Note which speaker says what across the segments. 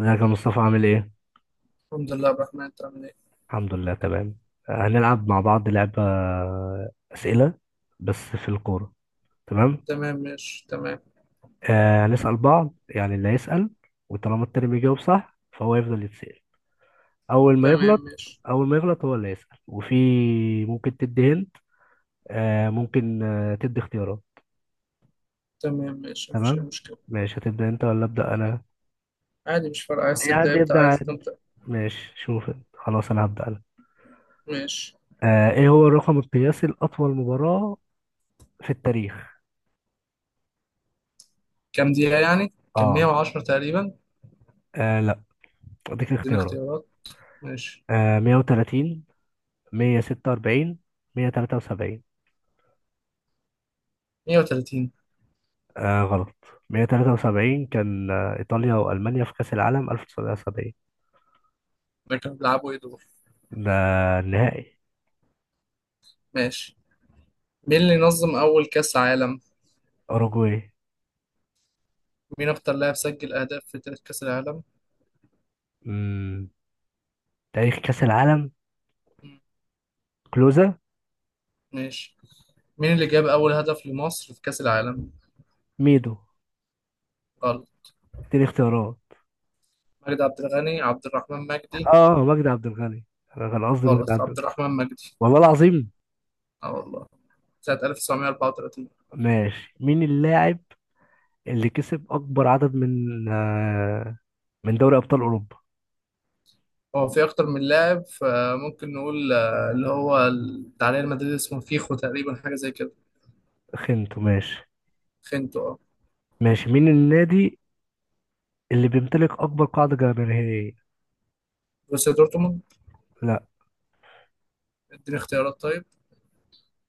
Speaker 1: ازيك يا مصطفى، عامل ايه؟
Speaker 2: الحمد لله يا عبد الرحمن، انت عامل ايه؟
Speaker 1: الحمد لله، تمام. هنلعب مع بعض لعبة أسئلة، بس في الكورة. تمام؟
Speaker 2: تمام، ماشي تمام.
Speaker 1: هنسأل بعض، يعني اللي هيسأل وطالما التاني بيجاوب صح فهو يفضل يتسأل. أول ما
Speaker 2: تمام،
Speaker 1: يغلط
Speaker 2: ماشي.
Speaker 1: أول ما يغلط هو اللي يسأل. وفي ممكن تدي هنت، ممكن تدي اختيارات.
Speaker 2: تمام، ماشي، مفيش اي
Speaker 1: تمام؟
Speaker 2: مشكلة.
Speaker 1: ماشي، هتبدأ أنت ولا أبدأ أنا؟
Speaker 2: عادي، مش فارقة، عايز
Speaker 1: أي حد
Speaker 2: تبدأ ابدأ،
Speaker 1: يبدأ
Speaker 2: عايز
Speaker 1: عادي.
Speaker 2: تبدأ.
Speaker 1: ماشي شوف انت. خلاص، أنا هبدأ أنا.
Speaker 2: ماشي.
Speaker 1: إيه هو الرقم القياسي لأطول مباراة في التاريخ؟
Speaker 2: كام دقيقة يعني؟ كان
Speaker 1: اه.
Speaker 2: 110 تقريبا.
Speaker 1: آه، اديك
Speaker 2: اديني
Speaker 1: اختيارات.
Speaker 2: اختيارات. ماشي.
Speaker 1: 130، 146، 173.
Speaker 2: 130.
Speaker 1: غلط. 173 كان ايطاليا والمانيا في كاس العالم 1970.
Speaker 2: ده كانوا بيلعبوا ايه دول؟
Speaker 1: ده النهائي.
Speaker 2: ماشي. مين اللي نظم أول كأس عالم؟
Speaker 1: اوروجواي.
Speaker 2: مين أكتر لاعب سجل أهداف في تاريخ كأس العالم؟
Speaker 1: مم. تاريخ كاس العالم.
Speaker 2: مم،
Speaker 1: كلوزا.
Speaker 2: ماشي. مين اللي جاب أول هدف لمصر في كأس العالم؟
Speaker 1: ميدو.
Speaker 2: غلط.
Speaker 1: اديني اختيارات.
Speaker 2: مجدي عبد الغني، عبد الرحمن مجدي.
Speaker 1: اه، مجدي عبد الغني. انا كان قصدي مجدي
Speaker 2: غلط،
Speaker 1: عبد
Speaker 2: عبد
Speaker 1: الغني.
Speaker 2: الرحمن مجدي.
Speaker 1: والله العظيم.
Speaker 2: اه والله. سنة 1934.
Speaker 1: ماشي، مين اللاعب اللي كسب اكبر عدد من دوري ابطال اوروبا؟
Speaker 2: هو في أكتر من لاعب، فممكن نقول اللي هو التعليق المدريد، اسمه فيخو تقريبا، حاجة زي كده.
Speaker 1: خنته. ماشي.
Speaker 2: خنتو اه.
Speaker 1: ماشي، مين النادي اللي بيمتلك أكبر قاعدة جماهيرية؟
Speaker 2: بروسيا دورتموند.
Speaker 1: لا.
Speaker 2: اديني اختيارات طيب.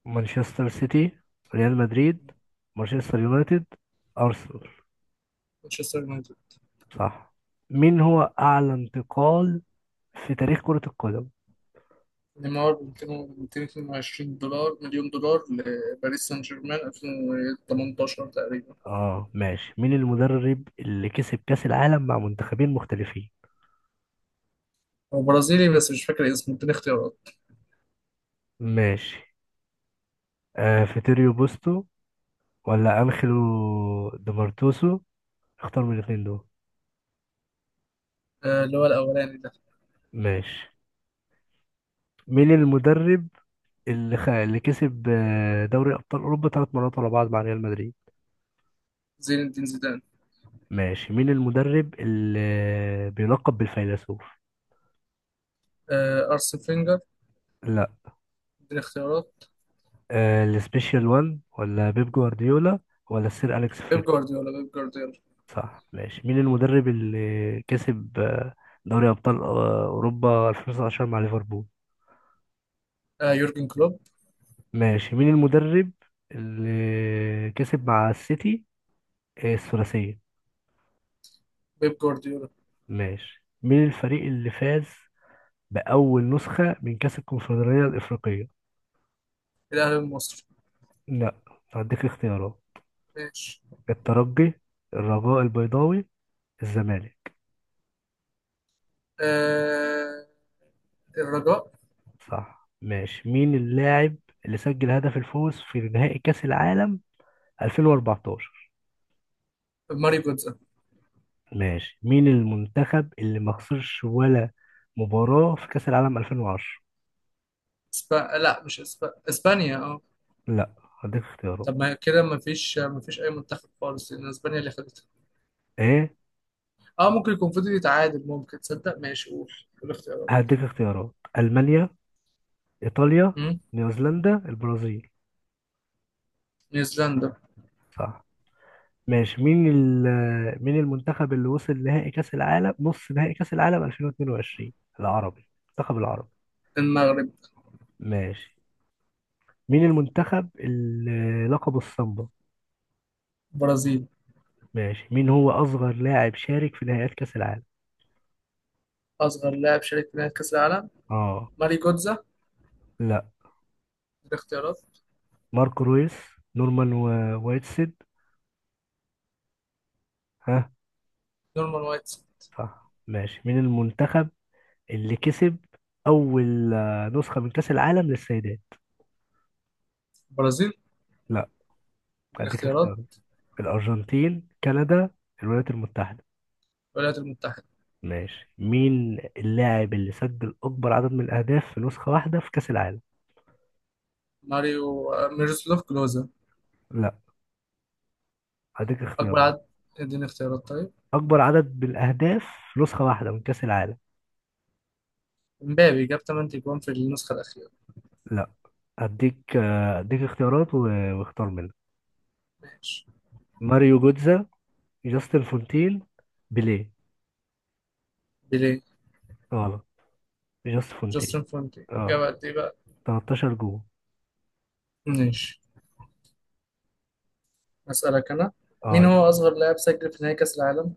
Speaker 1: مانشستر سيتي، ريال مدريد، مانشستر يونايتد، أرسنال.
Speaker 2: مانشستر يونايتد.
Speaker 1: صح. مين هو أعلى انتقال في تاريخ كرة القدم؟
Speaker 2: نيمار ب 222 دولار مليون دولار لباريس سان جيرمان 2018 تقريبا.
Speaker 1: اه، ماشي. مين المدرب اللي كسب كأس العالم مع منتخبين مختلفين؟
Speaker 2: هو برازيلي بس مش فاكر اسمه، اديني اختيارات.
Speaker 1: ماشي. فيتوريو بوستو ولا أنخيلو ديمارتوسو؟ اختار من الاثنين دول.
Speaker 2: اللي هو الأولاني ده.
Speaker 1: ماشي، مين المدرب اللي كسب دوري أبطال أوروبا 3 مرات ورا بعض مع ريال مدريد؟
Speaker 2: زين الدين زيدان.
Speaker 1: ماشي، مين المدرب اللي بيلقب بالفيلسوف؟
Speaker 2: أرسن فينجر.
Speaker 1: لا.
Speaker 2: اديني اختيارات.
Speaker 1: السبيشال وان ولا بيب جوارديولا ولا سير أليكس
Speaker 2: بيب
Speaker 1: فريكسون؟
Speaker 2: جوارديولا، بيب جوارديولا.
Speaker 1: صح. ماشي، مين المدرب اللي كسب دوري أبطال أوروبا 2019 مع ليفربول؟
Speaker 2: يورجن كلوب.
Speaker 1: ماشي، مين المدرب اللي كسب مع السيتي الثلاثية؟
Speaker 2: بيب جوارديولا.
Speaker 1: ماشي، مين الفريق اللي فاز بأول نسخة من كأس الكونفدرالية الإفريقية؟
Speaker 2: الأهلي المصري.
Speaker 1: لا، هديك اختيارات.
Speaker 2: ماشي.
Speaker 1: الترجي، الرجاء البيضاوي، الزمالك.
Speaker 2: آه، الرجاء.
Speaker 1: صح. ماشي، مين اللاعب اللي سجل هدف الفوز في نهائي كأس العالم 2014؟
Speaker 2: ماري جوتزا.
Speaker 1: ماشي، مين المنتخب اللي ما خسرش ولا مباراة في كأس العالم 2010؟
Speaker 2: لا مش اسبانيا اه.
Speaker 1: لا، هديك اختيارات
Speaker 2: طب ما كده ما فيش اي منتخب خالص، لان اسبانيا اللي خدتها.
Speaker 1: ايه.
Speaker 2: اه ممكن يكون فضل يتعادل، ممكن تصدق. ماشي، قول الاختيارات.
Speaker 1: هديك اختيارات: ألمانيا، إيطاليا،
Speaker 2: مم.
Speaker 1: نيوزيلندا، البرازيل.
Speaker 2: نيوزيلندا.
Speaker 1: صح. ماشي، مين المنتخب اللي وصل نهائي كأس العالم نص نهائي كأس العالم 2022؟ المنتخب العربي.
Speaker 2: المغرب.
Speaker 1: ماشي، مين المنتخب اللي لقب الصمبا؟
Speaker 2: برازيل.
Speaker 1: ماشي، مين هو أصغر لاعب شارك في نهائيات كأس العالم؟
Speaker 2: اصغر لاعب شارك في نهائي كاس العالم.
Speaker 1: اه.
Speaker 2: ماري جوتزا.
Speaker 1: لا.
Speaker 2: الاختيارات.
Speaker 1: ماركو رويس. نورمان وايتسيد. ها.
Speaker 2: نورمان وايت.
Speaker 1: صح. ماشي، مين المنتخب اللي كسب أول نسخة من كأس العالم للسيدات؟
Speaker 2: برازيل.
Speaker 1: لا، أديك
Speaker 2: الاختيارات.
Speaker 1: اختيارات: الأرجنتين، كندا، الولايات المتحدة.
Speaker 2: الولايات المتحدة.
Speaker 1: ماشي، مين اللاعب اللي سجل أكبر عدد من الأهداف في نسخة واحدة في كأس العالم؟
Speaker 2: ماريو ميروسلاف كلوزا.
Speaker 1: لا، أديك اختيارات.
Speaker 2: اكبر عدد. اديني اختيارات طيب.
Speaker 1: اكبر عدد بالاهداف في نسخه واحده من كاس العالم.
Speaker 2: مبابي جاب 8 جوان في النسخة الأخيرة.
Speaker 1: لا، اديك اختيارات واختار منها.
Speaker 2: ماشي.
Speaker 1: ماريو جوتزا، جاستن فونتين، بيليه.
Speaker 2: بيليه.
Speaker 1: غلط، جاستن فونتين.
Speaker 2: جاستن فونتي جاب
Speaker 1: اه،
Speaker 2: قد ايه بقى.
Speaker 1: 13 جول.
Speaker 2: ماشي. اسالك انا.
Speaker 1: اه،
Speaker 2: مين هو
Speaker 1: اسأل.
Speaker 2: اصغر لاعب سجل في نهائي كاس العالم.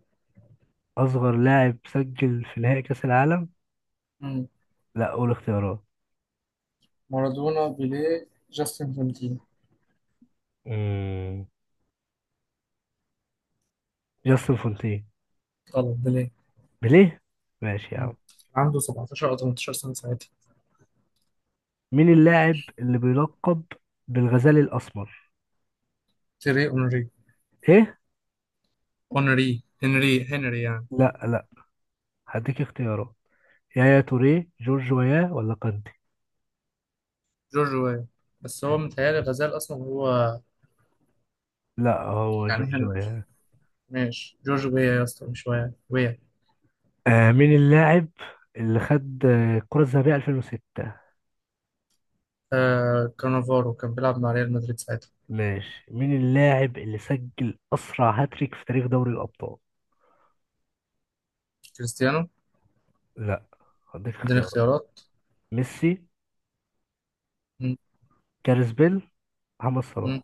Speaker 1: اصغر لاعب سجل في نهائي كاس العالم.
Speaker 2: مم.
Speaker 1: لا، قول اختيارات.
Speaker 2: مارادونا، بيليه، جاستن فونتي.
Speaker 1: مم. جاستن فونتين.
Speaker 2: غلط، بيليه.
Speaker 1: بيليه. ماشي يا
Speaker 2: مم.
Speaker 1: عم.
Speaker 2: عنده 17 او 18 سنه ساعتها.
Speaker 1: مين اللاعب اللي بيلقب بالغزال الاسمر؟
Speaker 2: تيري اونري.
Speaker 1: ايه؟
Speaker 2: اونري، هنري يعني.
Speaker 1: لا، لا. هديك اختيارات: يايا توريه، جورج وياه، ولا كانتي؟
Speaker 2: جورج ويا. بس هو متهيألي غزال اصلا هو.
Speaker 1: لا، هو
Speaker 2: يعني هن...
Speaker 1: جورجيا.
Speaker 2: ماشي، جورج ويا يا اسطى، مش ويا ويا.
Speaker 1: مين اللاعب اللي خد الكرة الذهبية 2006؟
Speaker 2: آه كانافارو، كان بيلعب مع ريال مدريد ساعتها.
Speaker 1: ماشي، مين اللاعب اللي سجل أسرع هاتريك في تاريخ دوري الأبطال؟
Speaker 2: كريستيانو.
Speaker 1: لا، هديك
Speaker 2: اديني
Speaker 1: اختيارات:
Speaker 2: اختيارات.
Speaker 1: ميسي،
Speaker 2: مم.
Speaker 1: جاريث بيل، محمد
Speaker 2: مم.
Speaker 1: صلاح.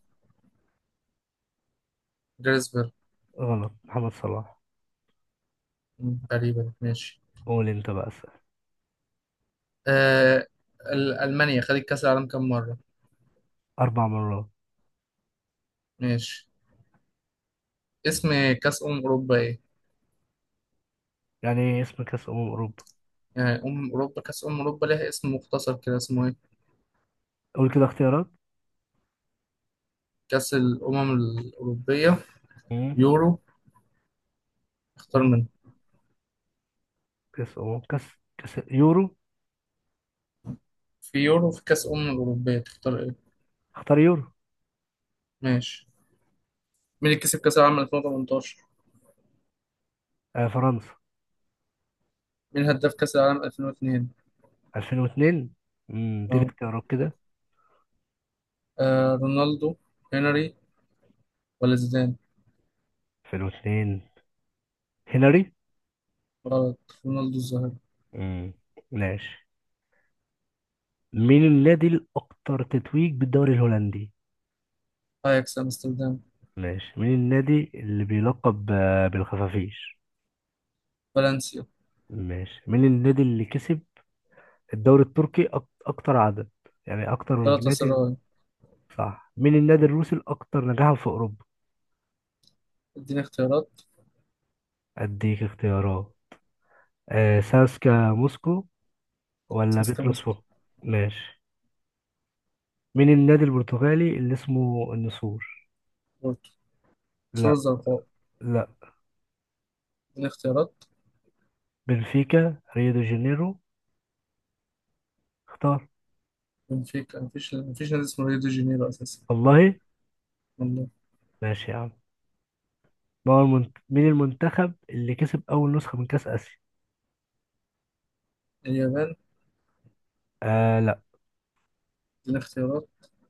Speaker 2: جريزبرغ.
Speaker 1: غلط، محمد صلاح.
Speaker 2: تقريبا. ماشي.
Speaker 1: قول أنت بقى اسأل.
Speaker 2: آه ألمانيا خدت كأس العالم كام مرة؟
Speaker 1: 4 مرات.
Speaker 2: ماشي. اسم كأس أمم أوروبا إيه؟
Speaker 1: يعني إيه اسم كأس أمم أوروبا؟
Speaker 2: يعني أمم أوروبا، كأس أمم أوروبا ليها اسم مختصر كده، اسمه إيه؟
Speaker 1: قول كده اختيارات.
Speaker 2: كأس الأمم الأوروبية.
Speaker 1: مم.
Speaker 2: يورو. اختار
Speaker 1: مم.
Speaker 2: منه.
Speaker 1: كأس أمم كأس كأس يورو.
Speaker 2: في يورو، في كأس أمم أوروبية، تختار إيه؟
Speaker 1: اختار يورو.
Speaker 2: ماشي. مين اللي كسب كأس العالم 2018؟
Speaker 1: فرنسا.
Speaker 2: مين هداف كأس العالم 2002؟
Speaker 1: 2002. دي
Speaker 2: أه.
Speaker 1: الاختيارات كده.
Speaker 2: آه، رونالدو، هنري، ولا زيدان؟
Speaker 1: 2002، هنري.
Speaker 2: غلط. رونالدو الظاهرة.
Speaker 1: مم. ماشي، مين النادي الأكثر تتويج بالدوري الهولندي؟
Speaker 2: أياكس أمستردام.
Speaker 1: ماشي، مين النادي اللي بيلقب بالخفافيش؟
Speaker 2: فالنسيا.
Speaker 1: ماشي، مين النادي اللي كسب الدوري التركي أكتر عدد؟ يعني أكتر
Speaker 2: جالاتا
Speaker 1: نادي.
Speaker 2: سراي.
Speaker 1: صح. مين النادي الروسي الأكثر نجاحا في أوروبا؟
Speaker 2: اديني اختيارات.
Speaker 1: أديك اختيارات. ساسكا موسكو ولا
Speaker 2: سيستم.
Speaker 1: بيتروس فوق؟ ماشي، مين النادي البرتغالي اللي اسمه النسور؟
Speaker 2: وسكوت. سور
Speaker 1: لا.
Speaker 2: الزرقاء.
Speaker 1: لا.
Speaker 2: الاختيارات.
Speaker 1: بنفيكا، ريو دي جانيرو. اختار.
Speaker 2: بنفيكا. مفيش نادي اسمه ريو دي جانيرو أساسا.
Speaker 1: والله.
Speaker 2: والله.
Speaker 1: ماشي يا عم. ما هو المنت... مين المنتخب اللي كسب أول نسخة من كأس آسيا؟
Speaker 2: اليابان.
Speaker 1: لا.
Speaker 2: دي اختيارات.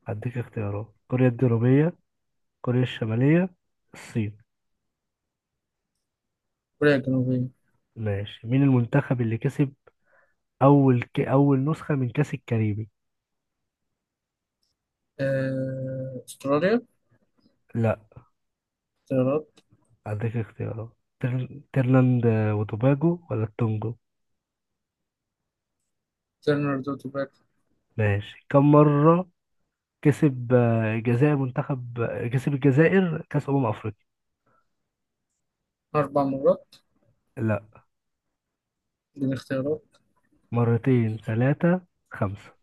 Speaker 1: هديك اختيارات: كوريا الجنوبية، كوريا الشمالية، الصين.
Speaker 2: كوريا الجنوبية.
Speaker 1: ماشي، مين المنتخب اللي كسب أول نسخة من كأس الكاريبي؟
Speaker 2: آه، أستراليا.
Speaker 1: لا،
Speaker 2: اختيارات.
Speaker 1: هديك اختيارات. ترلاند وتوباجو ولا التونجو؟
Speaker 2: ترينيداد وتوباكو.
Speaker 1: ماشي، كم مرة كسب الجزائر منتخب كسب الجزائر كأس أمم أفريقيا؟
Speaker 2: أربع مرات.
Speaker 1: لا.
Speaker 2: دي الاختيارات.
Speaker 1: مرتين، ثلاثة، خمسة.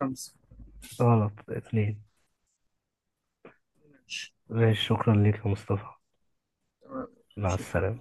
Speaker 2: خمسة.
Speaker 1: غلط، اتنين.
Speaker 2: ماشي
Speaker 1: ماشي، شكرا ليك يا مصطفى.
Speaker 2: تمام.
Speaker 1: مع
Speaker 2: شكرا.
Speaker 1: السلامة.